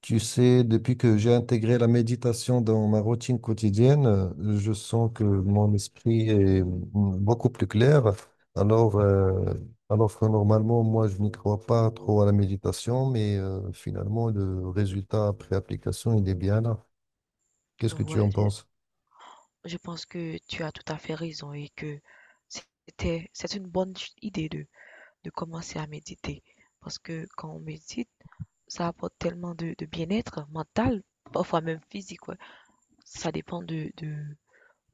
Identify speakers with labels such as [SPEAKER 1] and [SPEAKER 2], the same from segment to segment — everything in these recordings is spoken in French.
[SPEAKER 1] Tu sais, depuis que j'ai intégré la méditation dans ma routine quotidienne, je sens que mon esprit est beaucoup plus clair. Alors, euh, alors que normalement, moi, je n'y crois pas trop à la méditation, mais finalement, le résultat après application, il est bien là. Qu'est-ce que tu
[SPEAKER 2] Ouais,
[SPEAKER 1] en
[SPEAKER 2] je
[SPEAKER 1] penses?
[SPEAKER 2] je pense que tu as tout à fait raison et que c'est une bonne idée de commencer à méditer. Parce que quand on médite, ça apporte tellement de bien-être mental, parfois même physique, ouais. Ça dépend de, de,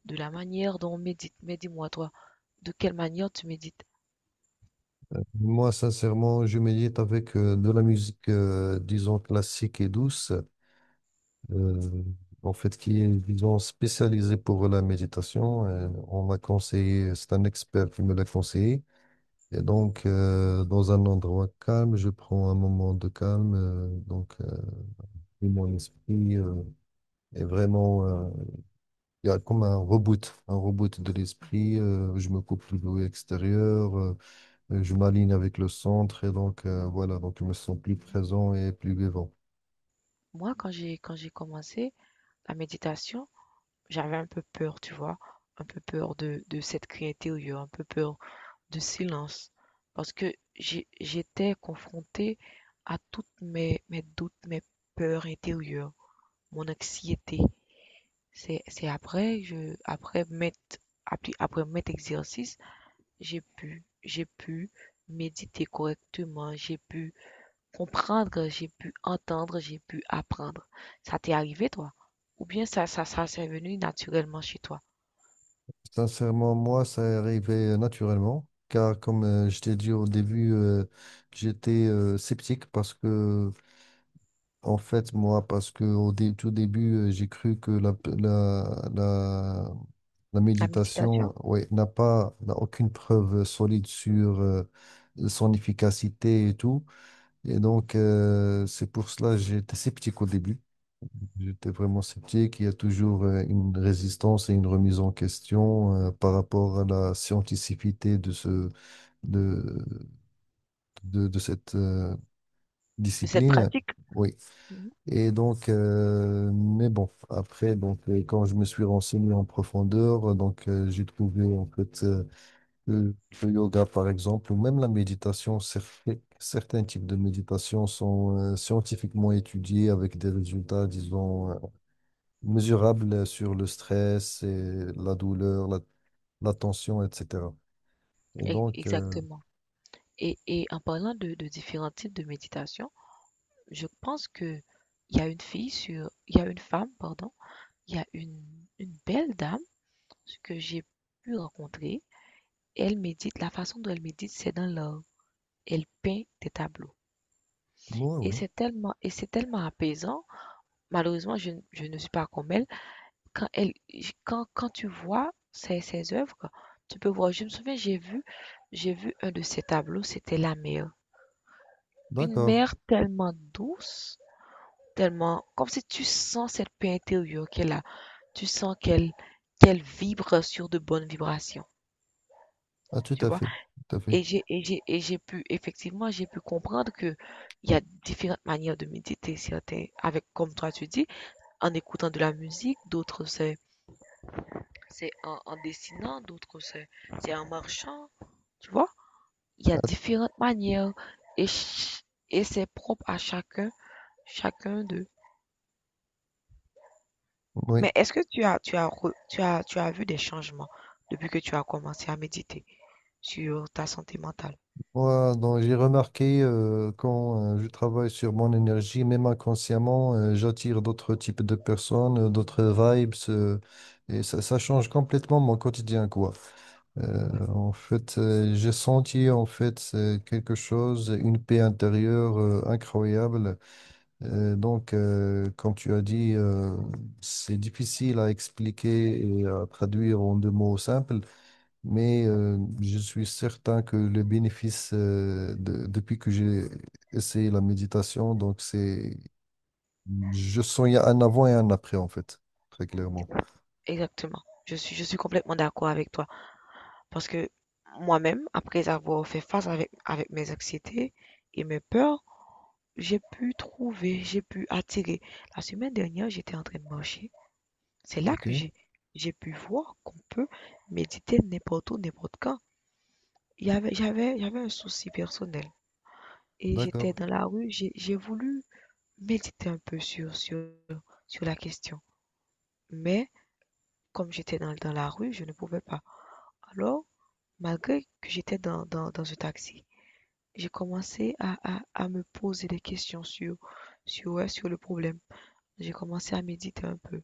[SPEAKER 2] de la manière dont on médite. Mais dis-moi, toi, de quelle manière tu médites?
[SPEAKER 1] Moi, sincèrement, je médite avec de la musique, disons, classique et douce. euh, En fait, qui est, disons, spécialisé pour la méditation. On m'a conseillé, c'est un expert qui me l'a conseillé. Et donc, dans un endroit calme, je prends un moment de calme. Et mon esprit est vraiment, il y a comme un reboot de
[SPEAKER 2] Mhm,
[SPEAKER 1] l'esprit. Je me coupe du bruit extérieur, je m'aligne avec le centre. Et donc, voilà, donc je me sens plus
[SPEAKER 2] mhm.
[SPEAKER 1] présent et plus vivant.
[SPEAKER 2] Moi, quand j'ai commencé la méditation, j'avais un peu peur, tu vois? Un peu peur de cette criée intérieure, un peu peur de silence. Parce que j'étais confrontée à toutes mes doutes, mes peurs intérieures, mon anxiété. C'est après, je, après mettre, après, après mettre exercice, j'ai pu méditer correctement, j'ai pu comprendre, j'ai pu entendre, j'ai pu apprendre. Ça t'est arrivé, toi? Ou bien ça, c'est venu naturellement chez toi?
[SPEAKER 1] Sincèrement, moi, ça est arrivé naturellement, car comme je t'ai dit au début, j'étais sceptique parce que, en fait, moi, parce que au tout début, j'ai cru que la
[SPEAKER 2] La méditation,
[SPEAKER 1] méditation, ouais, n'a aucune preuve solide sur son efficacité et tout. Et donc, c'est pour cela que j'étais sceptique au début. J'étais vraiment sceptique. Il y a toujours une résistance et une remise en question par rapport à la scientificité de de, de cette
[SPEAKER 2] de cette
[SPEAKER 1] discipline.
[SPEAKER 2] pratique.
[SPEAKER 1] Oui.
[SPEAKER 2] Mhm.
[SPEAKER 1] Et donc, mais bon, après, donc, quand je me suis renseigné en profondeur, j'ai trouvé en fait le, le yoga, par exemple, ou même la méditation, certains types de méditation sont scientifiquement étudiés avec des résultats, disons, mesurables sur le stress et la douleur, la tension, etc. Et donc,
[SPEAKER 2] Exactement. Et en parlant de différents types de méditation, je pense que il y a une il y a une femme, pardon, il y a une belle dame que j'ai pu rencontrer. Et elle médite, la façon dont elle médite, c'est dans l'art. Elle peint des tableaux.
[SPEAKER 1] oui, oui,
[SPEAKER 2] Et c'est tellement apaisant. Malheureusement, je ne suis pas comme elle. Quand elle, quand tu vois ses œuvres, tu peux voir. Je me souviens, j'ai vu un de ses tableaux, c'était la mer. Une
[SPEAKER 1] d'accord.
[SPEAKER 2] mer tellement douce, tellement, comme si tu sens cette paix intérieure qu'elle a. Tu sens qu'elle vibre sur de bonnes vibrations.
[SPEAKER 1] Ah, tout
[SPEAKER 2] Tu
[SPEAKER 1] à
[SPEAKER 2] vois?
[SPEAKER 1] fait, tout à fait.
[SPEAKER 2] Et j'ai pu effectivement, j'ai pu comprendre que il y a différentes manières de méditer. Certains avec comme toi tu dis, en écoutant de la musique, d'autres en dessinant, d'autres c'est en marchant, tu vois? Il y a différentes manières et ch- et c'est propre à chacun, chacun d'eux.
[SPEAKER 1] Oui.
[SPEAKER 2] Mais est-ce que tu as re- tu as vu des changements depuis que tu as commencé à méditer sur ta santé mentale?
[SPEAKER 1] Moi, donc, j'ai remarqué quand je travaille sur mon énergie, même inconsciemment, j'attire d'autres types de personnes, d'autres
[SPEAKER 2] Hmm,
[SPEAKER 1] vibes, et ça change complètement mon quotidien, quoi.
[SPEAKER 2] ouais.
[SPEAKER 1] Euh, En fait, j'ai senti en fait c'est quelque chose, une paix intérieure incroyable. Comme tu as dit, c'est difficile à expliquer et à traduire en deux mots simples mais je suis certain que le bénéfice, depuis que j'ai essayé la méditation, je sens il y a un avant et un après, en fait, très clairement.
[SPEAKER 2] Exactement. Je suis complètement d'accord avec toi. Parce que moi-même, après avoir fait face avec mes anxiétés et mes peurs, j'ai pu attirer. La semaine dernière, j'étais en train de marcher. C'est là que
[SPEAKER 1] OK,
[SPEAKER 2] j'ai pu voir qu'on peut méditer n'importe où, n'importe quand. Il y avait, j'avais, j'avais un souci personnel. Et j'étais
[SPEAKER 1] d'accord.
[SPEAKER 2] dans la rue, j'ai voulu méditer un peu sur la question. Mais comme j'étais dans la rue, je ne pouvais pas. Alors, malgré que j'étais dans un taxi, j'ai commencé à me poser des questions sur, ouais, sur le problème. J'ai commencé à méditer un peu.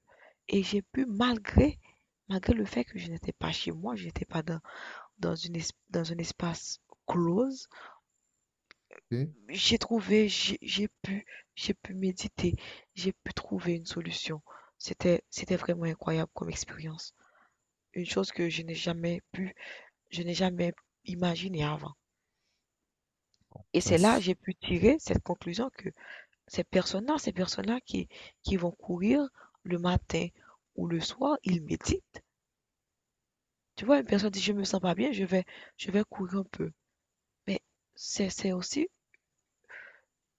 [SPEAKER 2] Et j'ai pu, malgré le fait que je n'étais pas chez moi, je n'étais pas dans un espace close,
[SPEAKER 1] OK.
[SPEAKER 2] j'ai trouvé, j'ai j'ai pu, j'ai pu méditer, j'ai pu trouver une solution. C'était vraiment incroyable comme expérience. Une chose que je n'ai jamais imaginé avant. Et
[SPEAKER 1] Ça
[SPEAKER 2] c'est là que
[SPEAKER 1] s-
[SPEAKER 2] j'ai pu tirer cette conclusion que ces personnes-là qui vont courir le matin ou le soir, ils méditent. Tu vois, une personne dit, je me sens pas bien, je vais courir un peu. Mais c'est aussi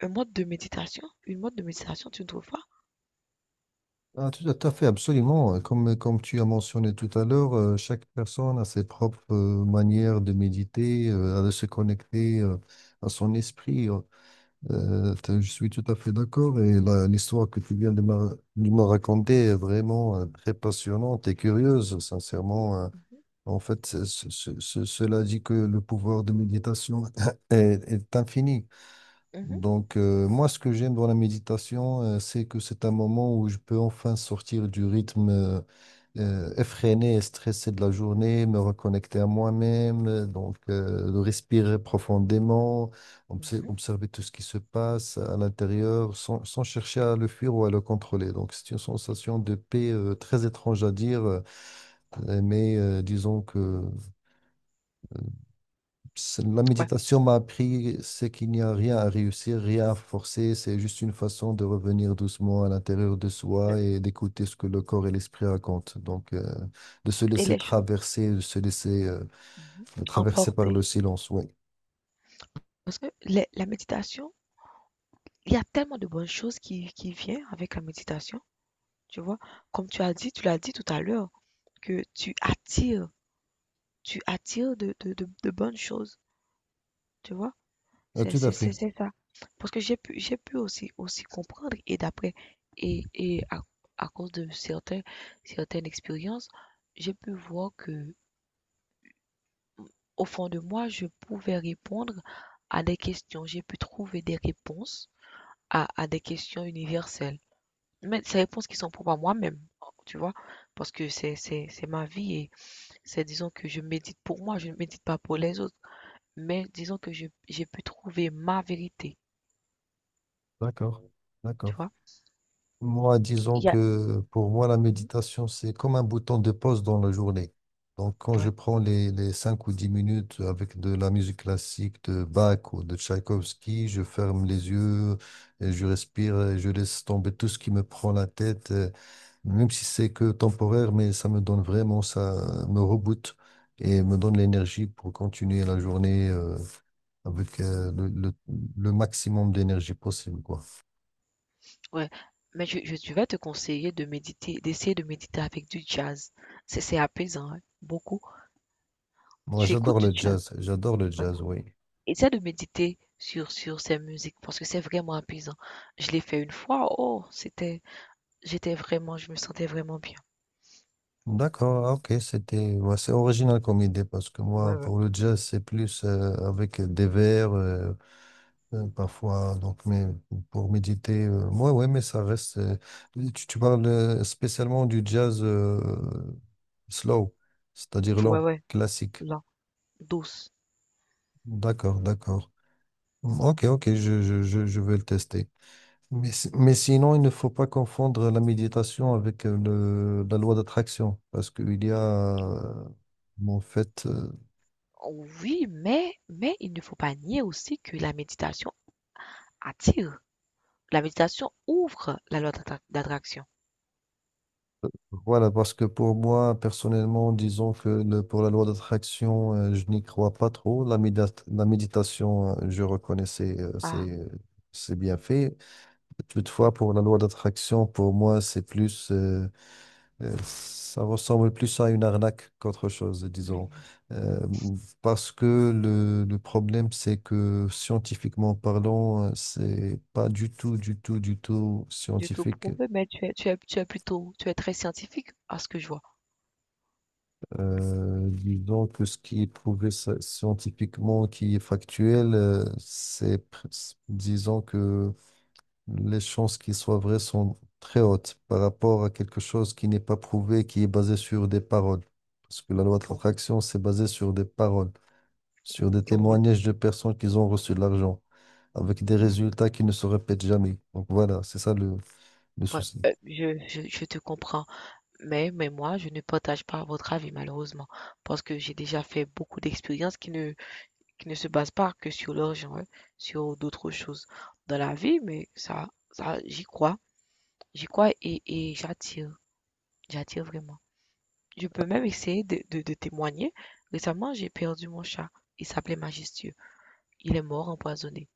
[SPEAKER 2] un mode de méditation? Une mode de méditation, tu ne trouves pas?
[SPEAKER 1] ah, tout à fait, absolument. Comme tu as mentionné tout à l'heure, chaque personne a ses propres manières de méditer, de se connecter à son esprit. Je suis tout à fait d'accord et l'histoire que tu viens de me raconter est vraiment très passionnante et curieuse, sincèrement.
[SPEAKER 2] Mhm,
[SPEAKER 1] En fait, cela dit que le pouvoir de méditation est, est infini.
[SPEAKER 2] mhm,
[SPEAKER 1] Donc, moi, ce que j'aime dans la méditation, c'est que c'est un moment où je peux enfin sortir du rythme effréné et stressé de la journée, me reconnecter à moi-même, de respirer profondément,
[SPEAKER 2] mhm.
[SPEAKER 1] observer tout ce qui se passe à l'intérieur sans chercher à le fuir ou à le contrôler. Donc, c'est une sensation de paix très étrange à dire, mais disons que la
[SPEAKER 2] Ouais.
[SPEAKER 1] méditation m'a appris, c'est qu'il n'y a rien à réussir, rien à forcer, c'est juste une façon de revenir doucement à l'intérieur de
[SPEAKER 2] Le-
[SPEAKER 1] soi et d'écouter ce que le corps et l'esprit racontent. Donc, de se
[SPEAKER 2] Et
[SPEAKER 1] laisser
[SPEAKER 2] les choses
[SPEAKER 1] traverser, de se laisser
[SPEAKER 2] mhm,
[SPEAKER 1] traverser par le
[SPEAKER 2] emportées.
[SPEAKER 1] silence, oui.
[SPEAKER 2] Parce que la méditation, il y a tellement de bonnes choses qui viennent avec la méditation, tu vois? Comme tu as dit, tu l'as dit tout à l'heure, que tu attires de bonnes choses, tu vois? C'est
[SPEAKER 1] Tout à
[SPEAKER 2] c'est c'est
[SPEAKER 1] fait.
[SPEAKER 2] c'est ça. Parce que j'ai pu aussi aussi comprendre et d'après et à cause de certains certaines expériences, j'ai pu voir que au fond de moi, je pouvais répondre à des questions. J'ai pu trouver des réponses à des questions universelles. Mais ces réponses qui sont propres à moi-même, tu vois? Parce que c'est ma vie et c'est disons que je médite pour moi, je ne médite pas pour les autres. Mais disons que je j'ai pu trouver ma vérité,
[SPEAKER 1] D'accord,
[SPEAKER 2] tu
[SPEAKER 1] d'accord.
[SPEAKER 2] vois?
[SPEAKER 1] Moi, disons
[SPEAKER 2] Il y a
[SPEAKER 1] que pour moi, la
[SPEAKER 2] mhm.
[SPEAKER 1] méditation, c'est comme un bouton de pause dans la journée. Donc, quand je
[SPEAKER 2] Ouais,
[SPEAKER 1] prends les 5 ou 10 minutes avec de la musique classique de Bach ou de Tchaïkovski, je ferme les yeux, et je respire, et je laisse tomber tout ce qui me prend la tête, même si c'est que temporaire, mais ça me donne vraiment, ça me reboote et me donne l'énergie pour continuer la journée, avec, le maximum d'énergie possible, quoi.
[SPEAKER 2] ouais. Mais je vais te conseiller de méditer, d'essayer de méditer avec du jazz. C'est apaisant, hein, beaucoup.
[SPEAKER 1] Moi,
[SPEAKER 2] Tu écoutes
[SPEAKER 1] j'adore
[SPEAKER 2] du
[SPEAKER 1] le
[SPEAKER 2] jazz,
[SPEAKER 1] jazz. J'adore le
[SPEAKER 2] ouais.
[SPEAKER 1] jazz, oui.
[SPEAKER 2] Essaie de méditer sur ces musiques parce que c'est vraiment apaisant. Je l'ai fait une fois, oh, c'était j'étais vraiment, je me sentais vraiment bien.
[SPEAKER 1] D'accord, ah, ok, c'était, ouais, c'est original comme idée parce que
[SPEAKER 2] Ouais,
[SPEAKER 1] moi,
[SPEAKER 2] ouais.
[SPEAKER 1] pour le jazz, c'est plus avec des vers, parfois, donc, mais pour méditer, ouais, ouais, mais ça reste. Tu parles spécialement du jazz slow, c'est-à-dire
[SPEAKER 2] Ouais,
[SPEAKER 1] lent,
[SPEAKER 2] ouais.
[SPEAKER 1] classique.
[SPEAKER 2] La douce.
[SPEAKER 1] D'accord, d'accord. Ok, ok, je vais le tester. Mais, mais sinon, il ne faut pas confondre la méditation avec la loi d'attraction, parce qu'il y a, en fait, euh,
[SPEAKER 2] Oui, mais il ne faut pas nier aussi que la méditation attire. La méditation ouvre la loi d'attraction.
[SPEAKER 1] voilà, parce que pour moi, personnellement, disons que pour la loi d'attraction, je n'y crois pas trop. La méditation, je reconnais
[SPEAKER 2] Ah,
[SPEAKER 1] ses, ses bienfaits. Toutefois, pour la loi d'attraction, pour moi, c'est plus... Ça ressemble plus à une arnaque qu'autre chose, disons.
[SPEAKER 2] hmm.
[SPEAKER 1] Euh, Parce que le problème, c'est que scientifiquement parlant, c'est pas du tout
[SPEAKER 2] Du tout
[SPEAKER 1] scientifique.
[SPEAKER 2] prouvé, mais tu es très scientifique à ce que je vois.
[SPEAKER 1] Disons que ce qui est prouvé scientifiquement, qui est factuel, disons que les chances qu'il soit vrai sont très hautes par rapport à quelque chose qui n'est pas prouvé, qui est basé sur des paroles. Parce que la loi de
[SPEAKER 2] Oh,
[SPEAKER 1] l'attraction, c'est basé sur des paroles. Sur des
[SPEAKER 2] non, oui.
[SPEAKER 1] témoignages de personnes qui ont reçu de l'argent, avec des
[SPEAKER 2] Mhm.
[SPEAKER 1] résultats qui ne se répètent jamais. Donc voilà, c'est ça le
[SPEAKER 2] Ouais,
[SPEAKER 1] souci.
[SPEAKER 2] je te comprends. Mais moi, je ne partage pas votre avis, malheureusement. Parce que j'ai déjà fait beaucoup d'expériences qui ne se basent pas que sur l'argent, hein, sur d'autres choses dans la vie, mais ça, j'y crois. J'y crois et j'attire, j'attire vraiment. Je peux même essayer de témoigner. Récemment, j'ai perdu mon chat. Il s'appelait Majestueux. Il est mort empoisonné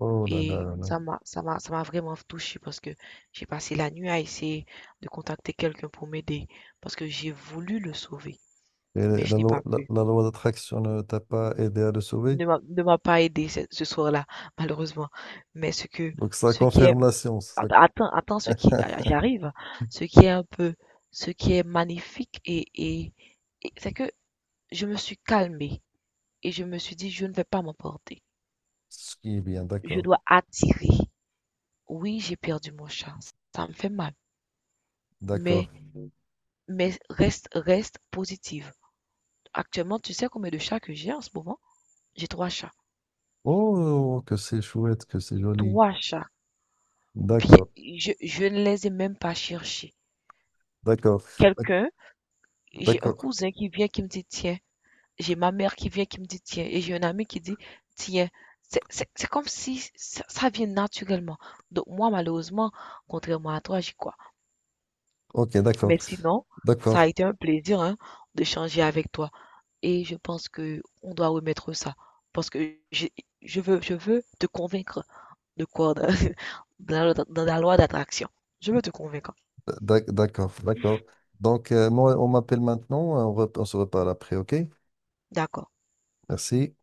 [SPEAKER 1] Oh là là
[SPEAKER 2] et
[SPEAKER 1] là là.
[SPEAKER 2] ça m'a vraiment touchée parce que j'ai passé la nuit à essayer de contacter quelqu'un pour m'aider parce que j'ai voulu le sauver,
[SPEAKER 1] Et
[SPEAKER 2] mais je n'ai pas pu.
[SPEAKER 1] la loi d'attraction ne t'a pas aidé à le sauver?
[SPEAKER 2] Ne m'a pas aidé ce soir-là malheureusement, mais ce que
[SPEAKER 1] Donc ça
[SPEAKER 2] ce qui est
[SPEAKER 1] confirme la science.
[SPEAKER 2] Attends, attends ce qui, ah, j'arrive. Ce qui est un peu, ce qui est magnifique et c'est que je me suis calmée et je me suis dit, je ne vais pas m'emporter.
[SPEAKER 1] Ce qui est bien,
[SPEAKER 2] Je
[SPEAKER 1] d'accord.
[SPEAKER 2] dois attirer. Oui, j'ai perdu mon chat. Ça me fait mal.
[SPEAKER 1] D'accord.
[SPEAKER 2] Mais, mais reste positive. Actuellement, tu sais combien de chats que j'ai en ce moment? J'ai trois chats.
[SPEAKER 1] Oh, que c'est chouette, que c'est joli.
[SPEAKER 2] Trois chats. Bien,
[SPEAKER 1] D'accord,
[SPEAKER 2] je ne les ai même pas cherchés.
[SPEAKER 1] d'accord, d'ac-
[SPEAKER 2] Quelqu'un, j'ai un
[SPEAKER 1] d'accord.
[SPEAKER 2] cousin qui vient qui me dit, tiens, j'ai ma mère qui vient qui me dit tiens et j'ai un ami qui dit tiens. C'est comme si ça vient naturellement. Donc moi, malheureusement, contrairement à toi, j'y crois.
[SPEAKER 1] Ok, d'accord,
[SPEAKER 2] Mais sinon, ça
[SPEAKER 1] d'accord,
[SPEAKER 2] a été un plaisir hein, d'échanger avec toi. Et je pense que on doit remettre ça. Parce que je veux te convaincre de quoi? De, de la loi d'attraction. Je veux te convaincre.
[SPEAKER 1] d'accord, d'accord. Donc, moi, on m'appelle maintenant, on se reparle après, ok?
[SPEAKER 2] D'accord.
[SPEAKER 1] Merci.